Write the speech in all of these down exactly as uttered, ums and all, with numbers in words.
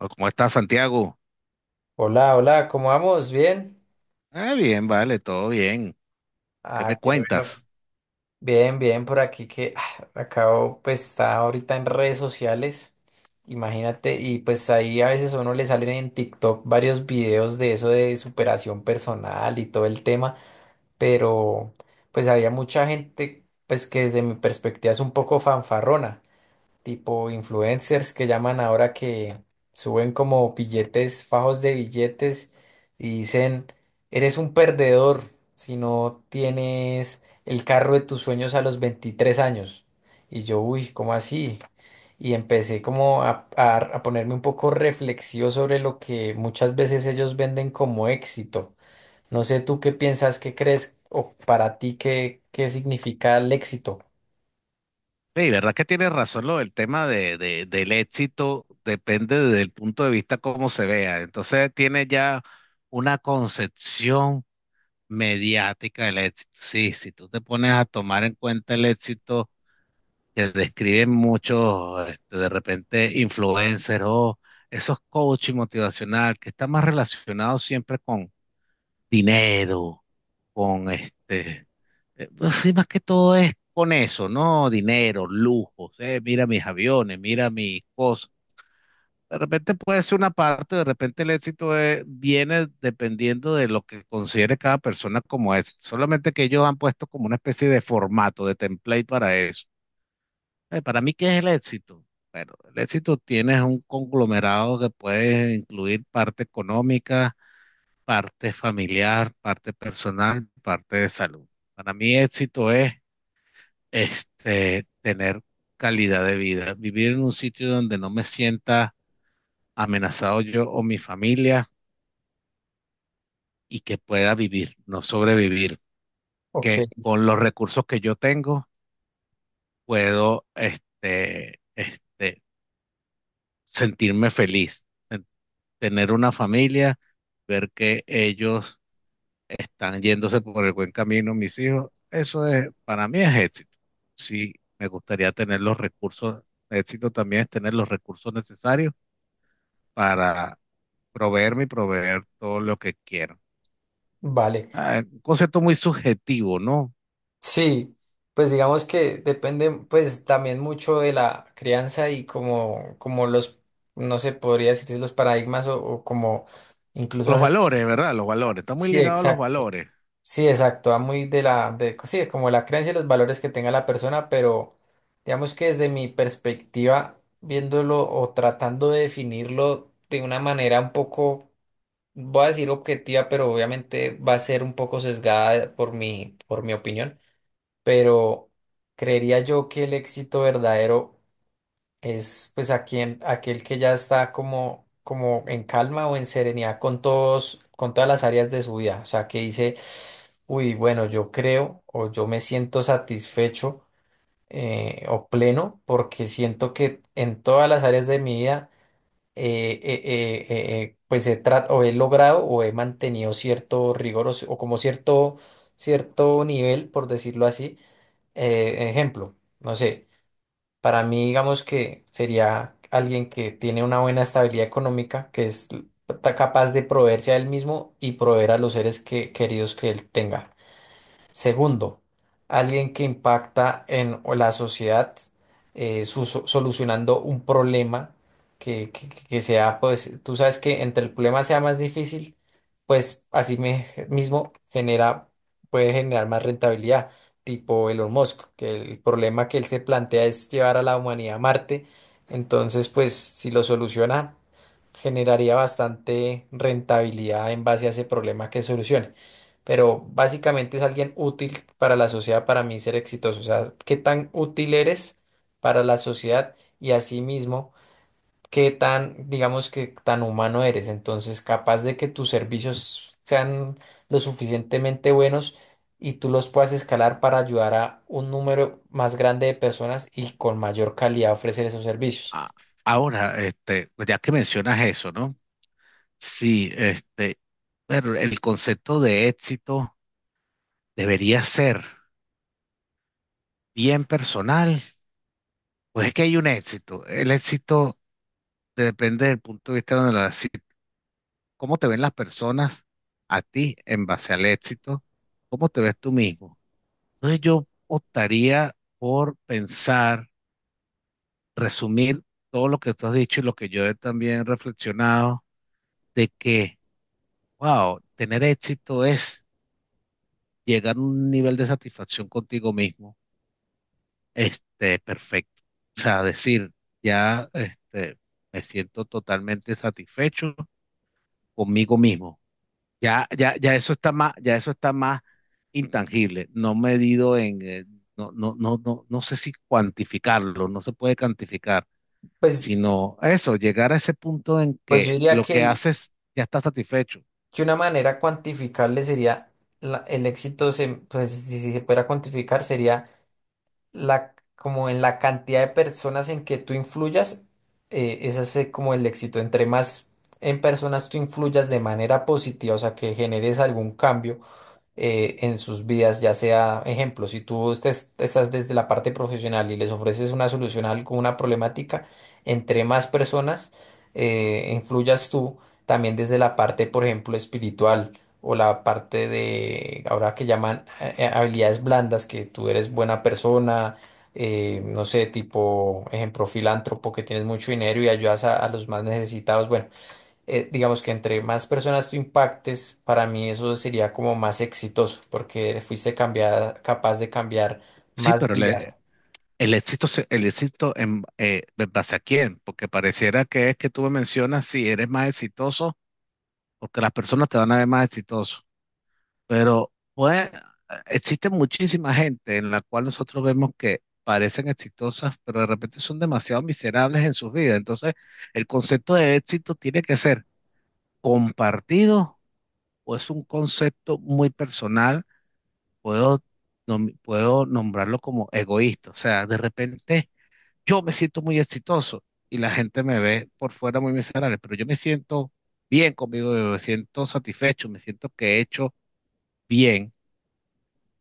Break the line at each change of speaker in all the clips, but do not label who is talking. Oh, ¿cómo estás, Santiago?
Hola, hola, ¿cómo vamos? ¿Bien?
Ah, bien, vale, todo bien. ¿Qué me
Ah, qué bueno.
cuentas?
Bien, bien, por aquí que ah, acabo, pues está ahorita en redes sociales, imagínate, y pues ahí a veces a uno le salen en TikTok varios videos de eso de superación personal y todo el tema, pero pues había mucha gente, pues que desde mi perspectiva es un poco fanfarrona. Tipo influencers que llaman ahora, que suben como billetes, fajos de billetes, y dicen, eres un perdedor si no tienes el carro de tus sueños a los veintitrés años. Y yo, uy, ¿cómo así? Y empecé como a, a- a ponerme un poco reflexivo sobre lo que muchas veces ellos venden como éxito. No sé tú qué piensas, qué crees o para ti qué, qué significa el éxito.
Sí, verdad que tienes razón lo del tema de, de- del éxito, depende del punto de vista cómo se vea. Entonces tiene ya una concepción mediática del éxito. Sí, si tú te pones a tomar en cuenta el éxito que describen muchos, este, de repente, influencers o esos coaching motivacional que está más relacionado siempre con dinero, con este Eh, pues sí, más que todo es con eso, ¿no? Dinero, lujos, eh, mira mis aviones, mira mis cosas. De repente puede ser una parte, de repente el éxito es- viene dependiendo de lo que considere cada persona como es. Solamente que ellos han puesto como una especie de formato, de template para eso. Eh, para mí, ¿qué es el éxito? Bueno, el éxito tiene un conglomerado que puede incluir parte económica, parte familiar, parte personal, parte de salud. Para mí, éxito es este, tener calidad de vida, vivir en un sitio donde no me sienta amenazado yo o mi familia y que pueda vivir, no sobrevivir,
Ok,
que con los recursos que yo tengo puedo este, este, sentirme feliz, en- tener una familia, ver que ellos están yéndose por el buen camino, mis hijos, eso es, para mí es éxito. Sí, me gustaría tener los recursos, éxito también es tener los recursos necesarios para proveerme y proveer todo lo que quiero.
vale.
Ah, un concepto muy subjetivo, ¿no?
Sí, pues digamos que depende pues también mucho de la crianza y como, como los, no sé, podría decir los paradigmas o, o como incluso,
Los
a-
valores, ¿verdad? Los valores, está muy
sí,
ligado a los
exacto,
valores.
sí, exacto, va muy de la, de, sí, como la creencia y los valores que tenga la persona, pero digamos que desde mi perspectiva, viéndolo o tratando de definirlo de una manera un poco, voy a decir objetiva, pero obviamente va a ser un poco sesgada por mi, por mi opinión, pero creería yo que el éxito verdadero es pues a quien, aquel que ya está como, como en calma o en serenidad con todos, con todas las áreas de su vida, o sea, que dice, uy, bueno, yo creo o yo me siento satisfecho, eh, o pleno, porque siento que en todas las áreas de mi vida eh, eh, eh, eh, eh, pues he, trat- o he logrado o he mantenido cierto rigor o, o como cierto, cierto nivel, por decirlo así. Eh, ejemplo, no sé, para mí digamos que sería alguien que tiene una buena estabilidad económica, que es l- ta- capaz de proveerse a él mismo y proveer a los seres que- queridos que él tenga. Segundo, alguien que impacta en la sociedad, eh, su- so- solucionando un problema que, que- que sea, pues, tú sabes, que entre el problema sea más difícil, pues así me- mismo genera, puede generar más rentabilidad, tipo Elon Musk, que el problema que él se plantea es llevar a la humanidad a Marte. Entonces, pues, si lo soluciona, generaría bastante rentabilidad en base a ese problema que solucione, pero básicamente es alguien útil para la sociedad, para mí ser exitoso. O sea, qué tan útil eres para la sociedad y asimismo, qué tan, digamos, que tan humano eres. Entonces, capaz de que tus servicios sean lo suficientemente buenos y tú los puedas escalar para ayudar a un número más grande de personas y con mayor calidad ofrecer esos servicios.
Ah, ahora, este, ya que mencionas eso, ¿no? Sí, este, pero el concepto de éxito debería ser bien personal. Pues es que hay un éxito. El éxito depende del punto de vista donde la, si- cómo te ven las personas a ti en base al éxito, cómo te ves tú mismo. Entonces yo optaría por pensar, resumir todo lo que tú has dicho y lo que yo he también reflexionado, de que, wow, tener éxito es llegar a un nivel de satisfacción contigo mismo, este, perfecto. O sea, decir, ya, este, me siento totalmente satisfecho conmigo mismo. Ya, ya, ya eso está más, ya eso está más intangible, no medido en, eh, no, no, no, no, no sé si cuantificarlo, no se puede cuantificar
Pues,
sino eso, llegar a ese punto en
pues yo
que
diría
lo
que,
que
el-
haces ya está satisfecho.
que una manera cuantificable sería la- el éxito, se, pues, si se pudiera cuantificar, sería la, como en la cantidad de personas en que tú influyas. Eh, ese es eh, como el éxito. Entre más en personas tú influyas de manera positiva, o sea, que generes algún cambio eh, en sus vidas, ya sea, ejemplo, si tú estés- estás desde la parte profesional y les ofreces una solución a algo- una problemática, entre más personas eh, influyas tú, también desde la parte, por ejemplo, espiritual o la parte de, ahora que llaman eh, eh, habilidades blandas, que tú eres buena persona. Eh, no sé, tipo, ejemplo, filántropo, que tienes mucho dinero y ayudas a a los más necesitados. Bueno, eh, digamos que entre más personas tú impactes, para mí eso sería como más exitoso, porque fuiste cambiada, capaz de cambiar
Sí,
más
pero
vidas.
le- el éxito, se- el éxito en, eh, ¿en base a quién? Porque pareciera que es que tú me mencionas si eres más exitoso, porque las personas te van a ver más exitoso. Pero pues, existe muchísima gente en la cual nosotros vemos que parecen exitosas, pero de repente son demasiado miserables en sus vidas. Entonces, el concepto de éxito tiene que ser compartido o es un concepto muy personal puedo, nom- puedo nombrarlo como egoísta. O sea, de repente yo me siento muy exitoso y la gente me ve por fuera muy miserable, pero yo me siento bien conmigo, yo me siento satisfecho, me siento que he hecho bien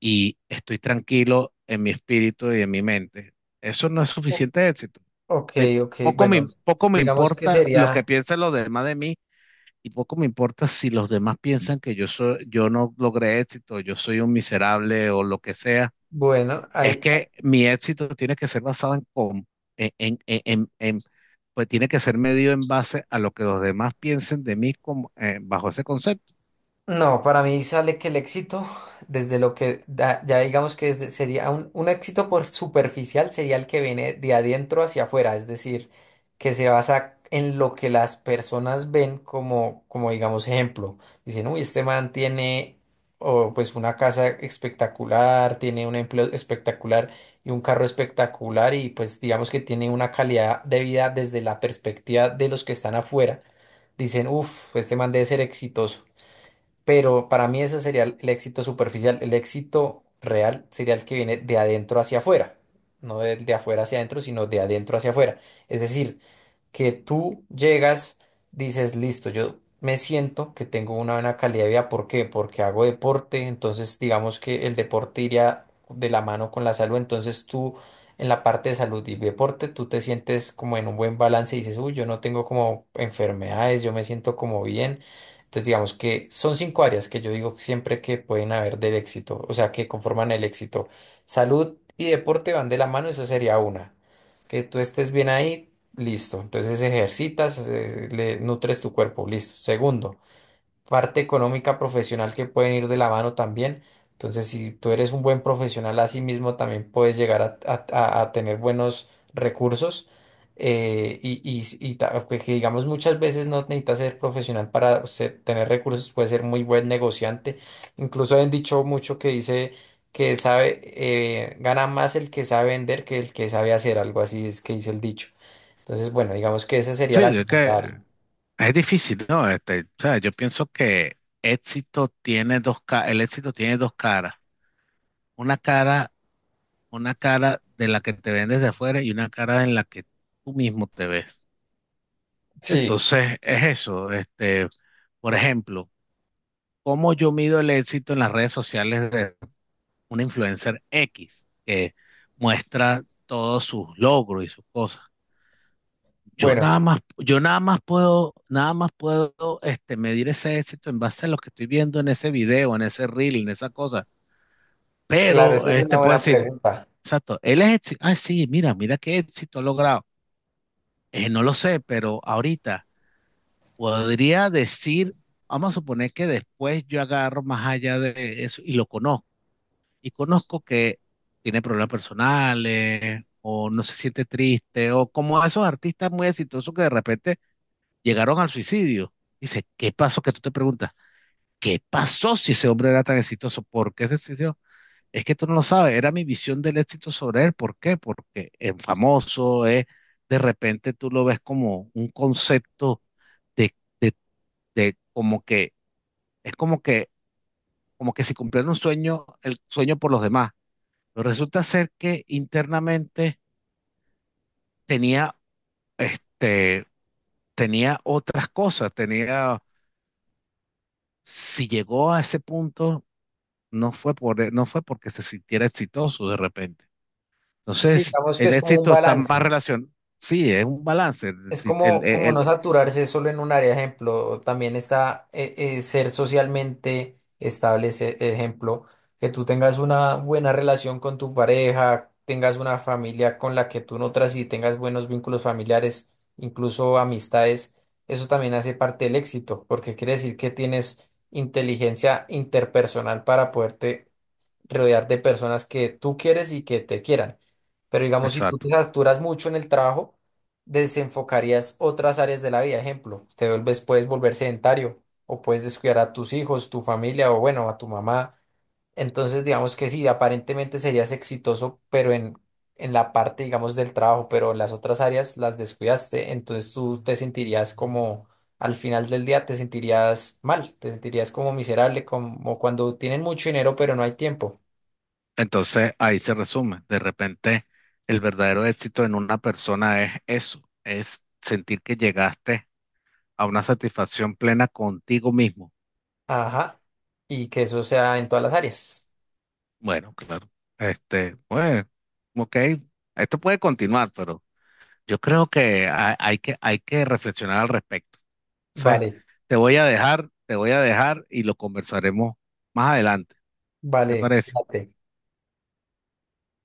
y estoy tranquilo en mi espíritu y en mi mente. Eso no es
O-
suficiente éxito.
Ok,
Me-
ok,
poco
bueno,
me, poco me
digamos que
importa lo que
sería
piensen los demás de mí. Y poco me importa si los demás piensan que yo soy, yo no logré éxito, yo soy un miserable o lo que sea.
bueno,
Es
ahí
que mi éxito tiene que ser basado en, com- en, en- en- en- en- pues tiene que ser medido en base a lo que los demás piensen de mí como, eh, bajo ese concepto.
no, para mí sale que el éxito, desde lo que da- ya digamos que desde- sería un, un éxito por superficial, sería el que viene de adentro hacia afuera, es decir, que se basa en lo que las personas ven como, como digamos, ejemplo. Dicen, uy, este man tiene o pues una casa espectacular, tiene un empleo espectacular y un carro espectacular, y pues digamos que tiene una calidad de vida desde la perspectiva de los que están afuera. Dicen, uff, este man debe ser exitoso. Pero para mí ese sería el el éxito superficial. El éxito real sería el que viene de adentro hacia afuera. No del de afuera hacia adentro, sino de adentro hacia afuera. Es decir, que tú llegas, dices, listo, yo me siento que tengo una buena calidad de vida. ¿Por qué? Porque hago deporte, entonces digamos que el deporte iría de la mano con la salud, entonces tú en la parte de salud y deporte, tú te sientes como en un buen balance y dices, uy, yo no tengo como enfermedades, yo me siento como bien. Entonces digamos que son cinco áreas que yo digo siempre que pueden haber del éxito, o sea, que conforman el éxito. Salud y deporte van de la mano, eso sería una, que tú estés bien ahí. Listo, entonces ejercitas, eh, le nutres tu cuerpo, listo. Segundo, parte económica profesional, que pueden ir de la mano también. Entonces, si tú eres un buen profesional, así mismo también puedes llegar a, a- a- a tener buenos recursos. eh, y, y, y ta- que que digamos, muchas veces no necesitas ser profesional para ser- tener recursos, puedes ser muy buen negociante. Incluso han dicho mucho, que dice que sabe, eh, gana más el que sabe vender que el que sabe hacer, algo así es que dice el dicho. Entonces, bueno, digamos que esa sería la
Sí, es
segunda
que
área.
es difícil, ¿no? Este, o sea, yo pienso que éxito tiene dos, ca- el éxito tiene dos caras. Una cara, una cara de la que te ven desde afuera y una cara en la que tú mismo te ves.
Sí,
Entonces, es eso. Este, por ejemplo, ¿cómo yo mido el éxito en las redes sociales una influencer X que muestra todos sus logros y sus cosas? Yo
bueno,
nada más, yo nada más puedo, nada más puedo este, medir ese éxito en base a lo que estoy viendo en ese video, en ese reel, en esa cosa.
claro,
Pero
esa es una
este puedo
buena
decir,
pregunta.
exacto, él es éxito. Ah, sí, mira, mira qué éxito ha logrado. Eh, no lo sé, pero ahorita podría decir, vamos a suponer que después yo agarro más allá de eso y lo conozco y conozco que tiene problemas personales o no se siente triste o como esos artistas muy exitosos que de repente llegaron al suicidio. Dice, ¿qué pasó? Que tú te preguntas, ¿qué pasó si ese hombre era tan exitoso? ¿Por qué se decidió? Es que tú no lo sabes, era mi visión del éxito sobre él. ¿Por qué? Porque es famoso, es, de repente tú lo ves como un concepto de, de como que, es como que, como que si cumplieran un sueño, el sueño por los demás. Pero resulta ser que internamente tenía, este, tenía otras cosas, tenía, si llegó a ese punto, no fue por, e, no fue porque se sintiera exitoso de repente. Entonces,
Sí,
si
digamos que
el
es como un
éxito está más
balance.
relacionado, sí, es un balance,
Es
si el,
como,
el-
como no
el-
saturarse solo en un área, ejemplo, también está eh, eh, ser socialmente estable, ese ejemplo, que tú tengas una buena relación con tu pareja, tengas una familia con la que tú nutras y tengas buenos vínculos familiares, incluso amistades, eso también hace parte del éxito, porque quiere decir que tienes inteligencia interpersonal para poderte rodear de personas que tú quieres y que te quieran. Pero digamos, si tú te
exacto.
saturas mucho en el trabajo, desenfocarías otras áreas de la vida. Ejemplo, te vuelves, puedes volver sedentario o puedes descuidar a tus hijos, tu familia o bueno, a tu mamá. Entonces, digamos que sí, aparentemente serías exitoso, pero en, en la parte, digamos, del trabajo, pero las otras áreas las descuidaste. Entonces tú te sentirías como, al final del día te sentirías mal, te sentirías como miserable, como cuando tienen mucho dinero, pero no hay tiempo.
Entonces, ahí se resume, de repente, el verdadero éxito en una persona es eso, es sentir que llegaste a una satisfacción plena contigo mismo.
Ajá. Y que eso sea en todas las áreas.
Bueno, claro. Este, pues, ok, esto puede continuar, pero yo creo que ha- hay que, hay que reflexionar al respecto. Entonces,
Vale,
te voy a dejar, te voy a dejar y lo conversaremos más adelante. ¿Te
vale,
parece?
fíjate.